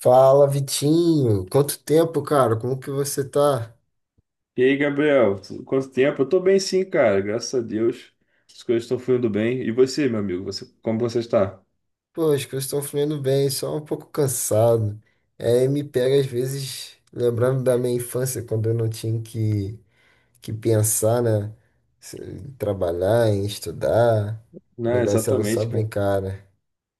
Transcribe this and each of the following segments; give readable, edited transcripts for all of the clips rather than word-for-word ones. Fala, Vitinho. Quanto tempo, cara? Como que você tá? E aí, Gabriel, quanto tempo? Eu tô bem sim, cara, graças a Deus. As coisas estão fluindo bem. E você, meu amigo, como você está? Pô, as coisas estão fluindo bem, só um pouco cansado. É, me pega às vezes lembrando da minha infância, quando eu não tinha que pensar, né? Em trabalhar, em estudar. O Não, negócio era só exatamente, cara. brincar, né?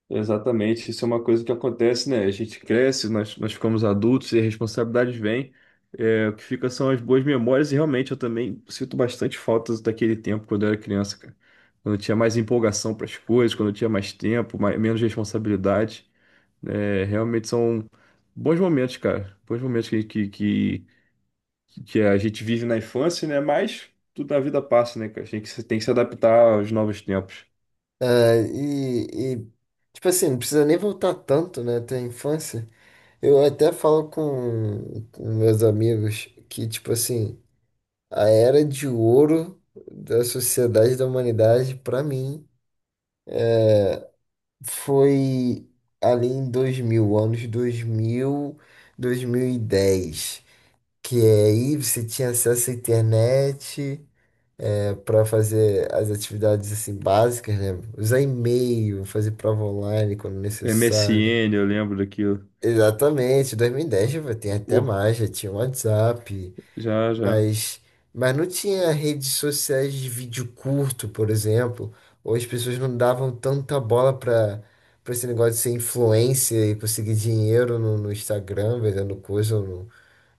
Exatamente. Isso é uma coisa que acontece, né? A gente cresce, nós ficamos adultos e as responsabilidades vêm. É, o que fica são as boas memórias, e realmente eu também sinto bastante faltas daquele tempo quando eu era criança, cara. Quando eu tinha mais empolgação para as coisas, quando eu tinha mais tempo, mais, menos responsabilidade. É, realmente são bons momentos, cara. Bons momentos que a gente vive na infância, né? Mas tudo na vida passa, né, cara? A gente tem que se adaptar aos novos tempos. É. E, tipo assim, não precisa nem voltar tanto, né? Até a infância. Eu até falo com meus amigos que, tipo assim. A era de ouro da sociedade da humanidade, para mim, foi ali em 2000, anos dois mil, 2010, que é aí você tinha acesso à internet para fazer as atividades assim básicas, né? Usar e-mail, fazer prova online quando necessário. MSN, eu lembro daquilo. Exatamente, 2010 tem até Orkut, mais, já tinha WhatsApp. já, já. Mas, mas não tinha redes sociais de vídeo curto, por exemplo, ou as pessoas não davam tanta bola para esse negócio de ser influencer e conseguir dinheiro no Instagram vendendo coisa,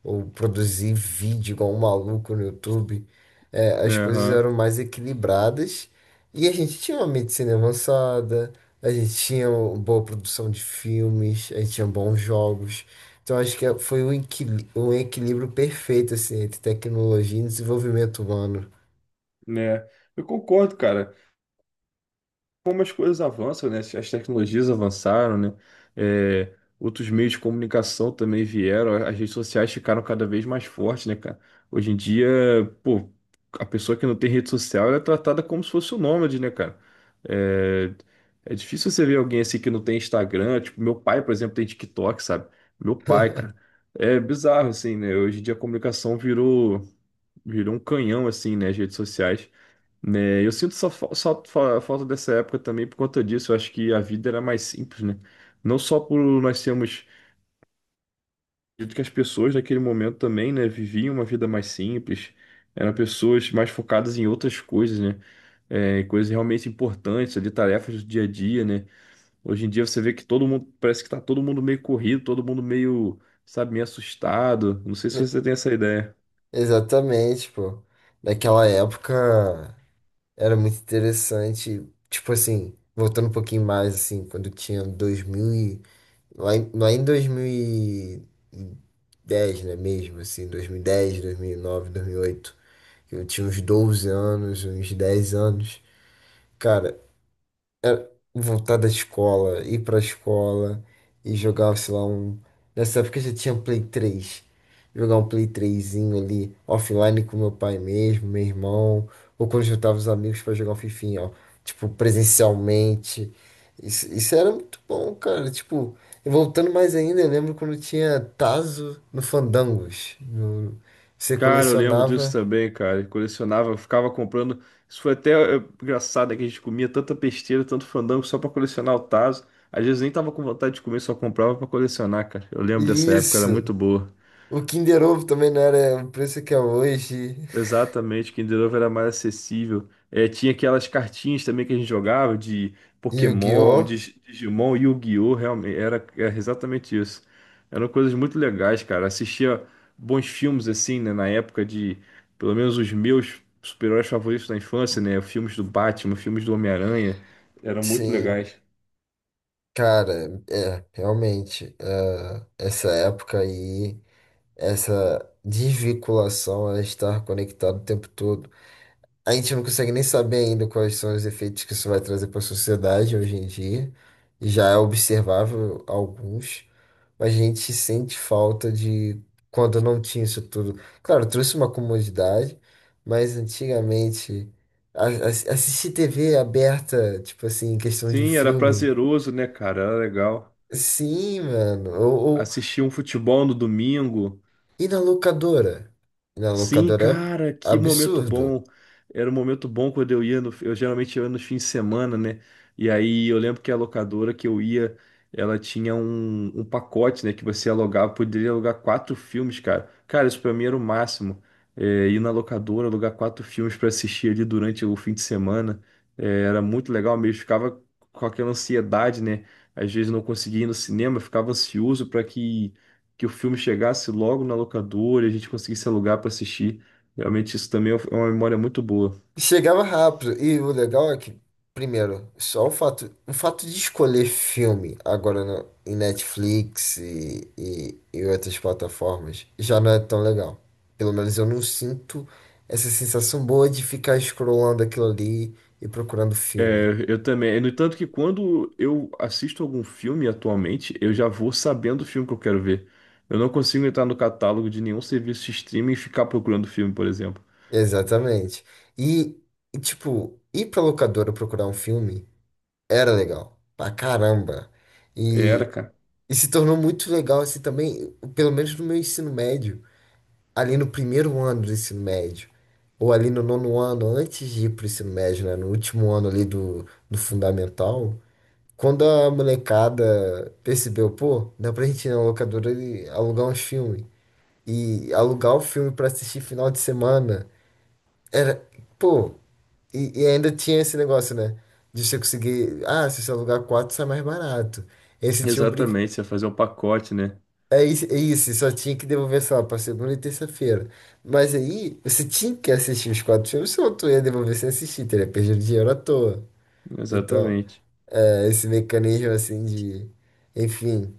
ou produzir vídeo igual um maluco no YouTube. É, Né, as coisas aham. eram mais equilibradas e a gente tinha uma medicina avançada, a gente tinha uma boa produção de filmes, a gente tinha bons jogos. Então acho que foi um equilíbrio perfeito assim, entre tecnologia e desenvolvimento humano. Né. Eu concordo, cara. Como as coisas avançam, né? As tecnologias avançaram, né? É, outros meios de comunicação também vieram, as redes sociais ficaram cada vez mais fortes, né, cara? Hoje em dia, pô, a pessoa que não tem rede social, ela é tratada como se fosse um nômade, né, cara? É, é difícil você ver alguém assim que não tem Instagram, tipo, meu pai, por exemplo, tem TikTok, sabe? Meu pai, cara. É bizarro, assim, né? Hoje em dia a comunicação virou um canhão, assim, né? As redes sociais né? Eu sinto só, falta dessa época também por conta disso. Eu acho que a vida era mais simples, né? Não só por nós sermos, acredito que as pessoas naquele momento também, né, viviam uma vida mais simples. Eram pessoas mais focadas em outras coisas, né? É, em coisas realmente importantes, ali, tarefas do dia a dia, né? Hoje em dia você vê que todo mundo, parece que tá todo mundo meio corrido, todo mundo meio, sabe, meio assustado. Não sei se E- você tem essa ideia. Exatamente, pô. Naquela época era muito interessante. Tipo assim, voltando um pouquinho mais, assim, quando tinha lá em 2010, né, mesmo, assim, dois mil dez, 2009, 2010, 2009, oito, eu tinha uns 12 anos, uns 10 anos. Cara, voltar da escola, ir pra escola e jogar, sei lá, um. Nessa época eu já tinha um Play três, jogar um Play trêsinho ali, offline com meu pai mesmo, meu irmão, ou quando juntava os amigos pra jogar um fifinha, ó, tipo, presencialmente. Isso era muito bom, cara. Tipo, e voltando mais ainda, eu lembro quando tinha Tazo no Fandangos. Você Cara, eu lembro disso colecionava. também, cara. Eu colecionava, eu ficava comprando. Isso foi até engraçado, é que a gente comia tanta besteira, tanto fandango só pra colecionar o Tazo. Às vezes nem tava com vontade de comer, só comprava pra colecionar, cara. Eu lembro dessa época, era Isso! muito boa. O Kinder Ovo também não era o preço que é hoje. Exatamente, Kinder Ovo era mais acessível. É, tinha aquelas cartinhas também que a gente jogava de Pokémon, Yu-Gi-Oh! de Digimon, Yu-Gi-Oh! Realmente, era exatamente isso. Eram coisas muito legais, cara. Assistia bons filmes assim, né, na época de, pelo menos os meus super-heróis favoritos da infância, né? Filmes do Batman, filmes do Homem-Aranha, eram muito Sim, legais. cara, é, realmente, é, essa época aí, essa desvinculação a estar conectado o tempo todo. A gente não consegue nem saber ainda quais são os efeitos que isso vai trazer para a sociedade hoje em dia. Já é observável alguns, mas a gente sente falta de quando não tinha isso tudo. Claro, trouxe uma comodidade, mas antigamente a- a- assistir TV aberta, tipo assim, em questão de um Sim, era filme. prazeroso, né, cara? Era legal. Sim, mano. Ou- Assistia um futebol no domingo. E na locadora? E na Sim, locadora cara, é que momento absurdo. bom. Era um momento bom quando eu ia no, eu geralmente ia nos fins de semana, né? E aí eu lembro que a locadora que eu ia, ela tinha um pacote, né, que você alugava, poderia alugar quatro filmes, cara. Cara, isso pra mim era o máximo. É, ir na locadora, alugar quatro filmes pra assistir ali durante o fim de semana. É, era muito legal mesmo, ficava com aquela ansiedade, né? Às vezes não conseguia ir no cinema, eu ficava ansioso pra que que o filme chegasse logo na locadora e a gente conseguisse alugar para assistir. Realmente isso também é uma memória muito boa. Chegava rápido. E o legal é que, primeiro, só o fato de escolher filme agora no, em Netflix e outras plataformas já não é tão legal. Pelo menos eu não sinto essa sensação boa de ficar scrollando aquilo ali e procurando filme. É, eu também. No entanto que quando eu assisto algum filme atualmente, eu já vou sabendo o filme que eu quero ver. Eu não consigo entrar no catálogo de nenhum serviço de streaming e ficar procurando filme, por exemplo. Exatamente. E, e, tipo, ir pra locadora procurar um filme. Era legal, pra caramba. E, Era, cara. e se tornou muito legal assim também, pelo menos no meu ensino médio, ali no primeiro ano do ensino médio, ou ali no nono ano, antes de ir pro ensino médio, né, no último ano ali do fundamental, quando a molecada percebeu, pô, dá pra gente ir na locadora e alugar uns filmes. E alugar o filme pra assistir final de semana era, pô, e ainda tinha esse negócio, né? De você conseguir. Ah, se você alugar quatro, sai mais barato. Esse tinha obriga. Exatamente, você ia fazer um pacote, né? É isso, só tinha que devolver, sei lá, pra segunda e terça-feira. Mas aí, você tinha que assistir os quatro filmes, senão tu ia devolver sem assistir, teria perdido dinheiro à toa. Então, Exatamente. é, esse mecanismo assim de. Enfim.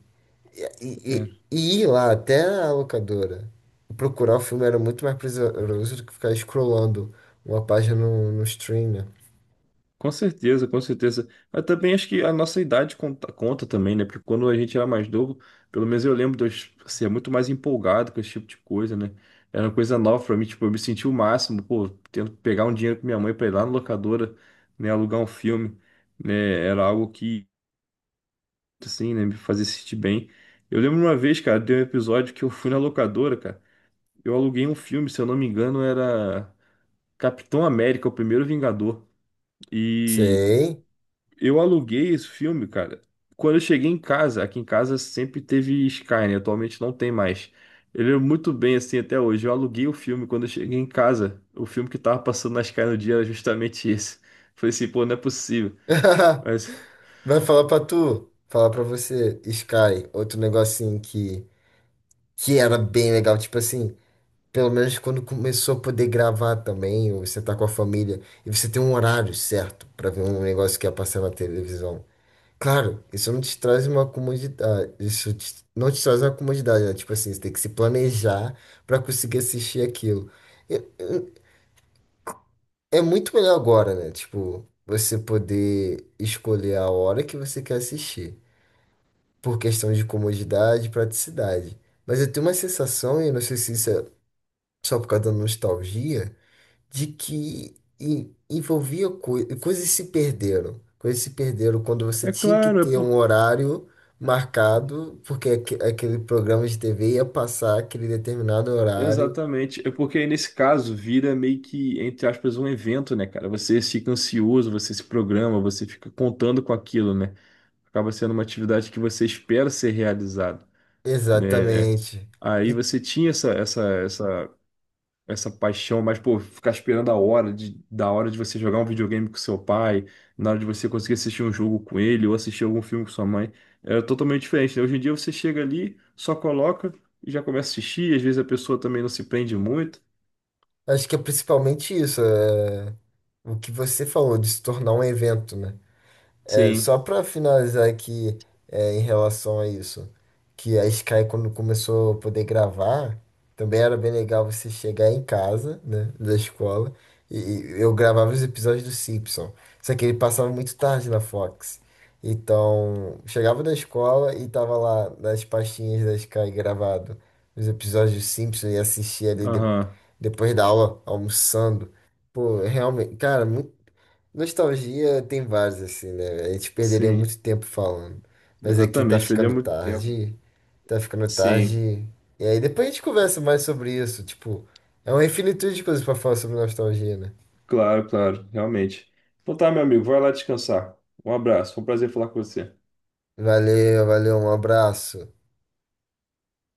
É. E ir lá até a locadora procurar o filme era muito mais prazeroso do que ficar scrollando uma página no stream, né? Com certeza, com certeza. Mas também acho que a nossa idade conta também, né? Porque quando a gente era mais novo, pelo menos eu lembro de eu ser muito mais empolgado com esse tipo de coisa, né? Era uma coisa nova pra mim, tipo, eu me senti o máximo, pô, tendo que pegar um dinheiro com minha mãe pra ir lá na locadora, né, alugar um filme, né? Era algo que, assim, né, me fazia sentir bem. Eu lembro uma vez, cara, de um episódio que eu fui na locadora, cara. Eu aluguei um filme, se eu não me engano, era Capitão América, o Primeiro Vingador. E. Sei. Eu aluguei esse filme, cara. Quando eu cheguei em casa, aqui em casa sempre teve Sky, né? Atualmente não tem mais. Ele é muito bem assim até hoje. Eu aluguei o filme quando eu cheguei em casa. O filme que tava passando na Sky no dia era justamente esse. Falei assim, pô, não é possível. Mas Vai falar pra você, Sky, outro negocinho que era bem legal, tipo assim, pelo menos quando começou a poder gravar também, ou você tá com a família, e você tem um horário certo pra ver um negócio que ia passar na televisão. Claro, isso não te traz uma comodidade, não te traz uma comodidade, né? Tipo assim, você tem que se planejar pra conseguir assistir aquilo. E- e- É muito melhor agora, né? Tipo, você poder escolher a hora que você quer assistir por questão de comodidade e praticidade. Mas eu tenho uma sensação, e eu não sei se isso é só por causa da nostalgia, de que envolvia coisas se perderam. Coisas se perderam quando você é tinha que claro, é ter um por horário marcado, porque aquele programa de TV ia passar aquele determinado horário. exatamente, é porque aí nesse caso vira meio que entre aspas um evento, né, cara? Você fica ansioso, você se programa, você fica contando com aquilo, né? Acaba sendo uma atividade que você espera ser realizada. Né? Exatamente. Aí E você tinha essa paixão, mas, pô, ficar esperando a hora de, da hora de você jogar um videogame com seu pai, na hora de você conseguir assistir um jogo com ele ou assistir algum filme com sua mãe, era totalmente diferente, né? Hoje em dia você chega ali, só coloca e já começa a assistir, às vezes a pessoa também não se prende muito. acho que é principalmente isso, é o que você falou de se tornar um evento, né? É, só Sim, para finalizar aqui, é, em relação a isso, que a Sky, quando começou a poder gravar, também era bem legal você chegar em casa, né, da escola, e eu gravava os episódios do Simpson. Só que ele passava muito tarde na Fox. Então, chegava da escola e tava lá nas pastinhas da Sky gravado os episódios do Simpson e assistia ali aham, depois da aula, almoçando. Pô, realmente, cara, muito. Nostalgia tem vários, assim, né? A gente perderia sim, muito tempo falando. Mas aqui tá exatamente, perdeu ficando muito tempo. tarde. Tá ficando Sim, tarde. E aí depois a gente conversa mais sobre isso. Tipo, é uma infinitude de coisas pra falar sobre nostalgia, né? claro, claro, realmente. Então tá, meu amigo, vai lá descansar. Um abraço, foi um prazer falar com você. Valeu, valeu, um abraço.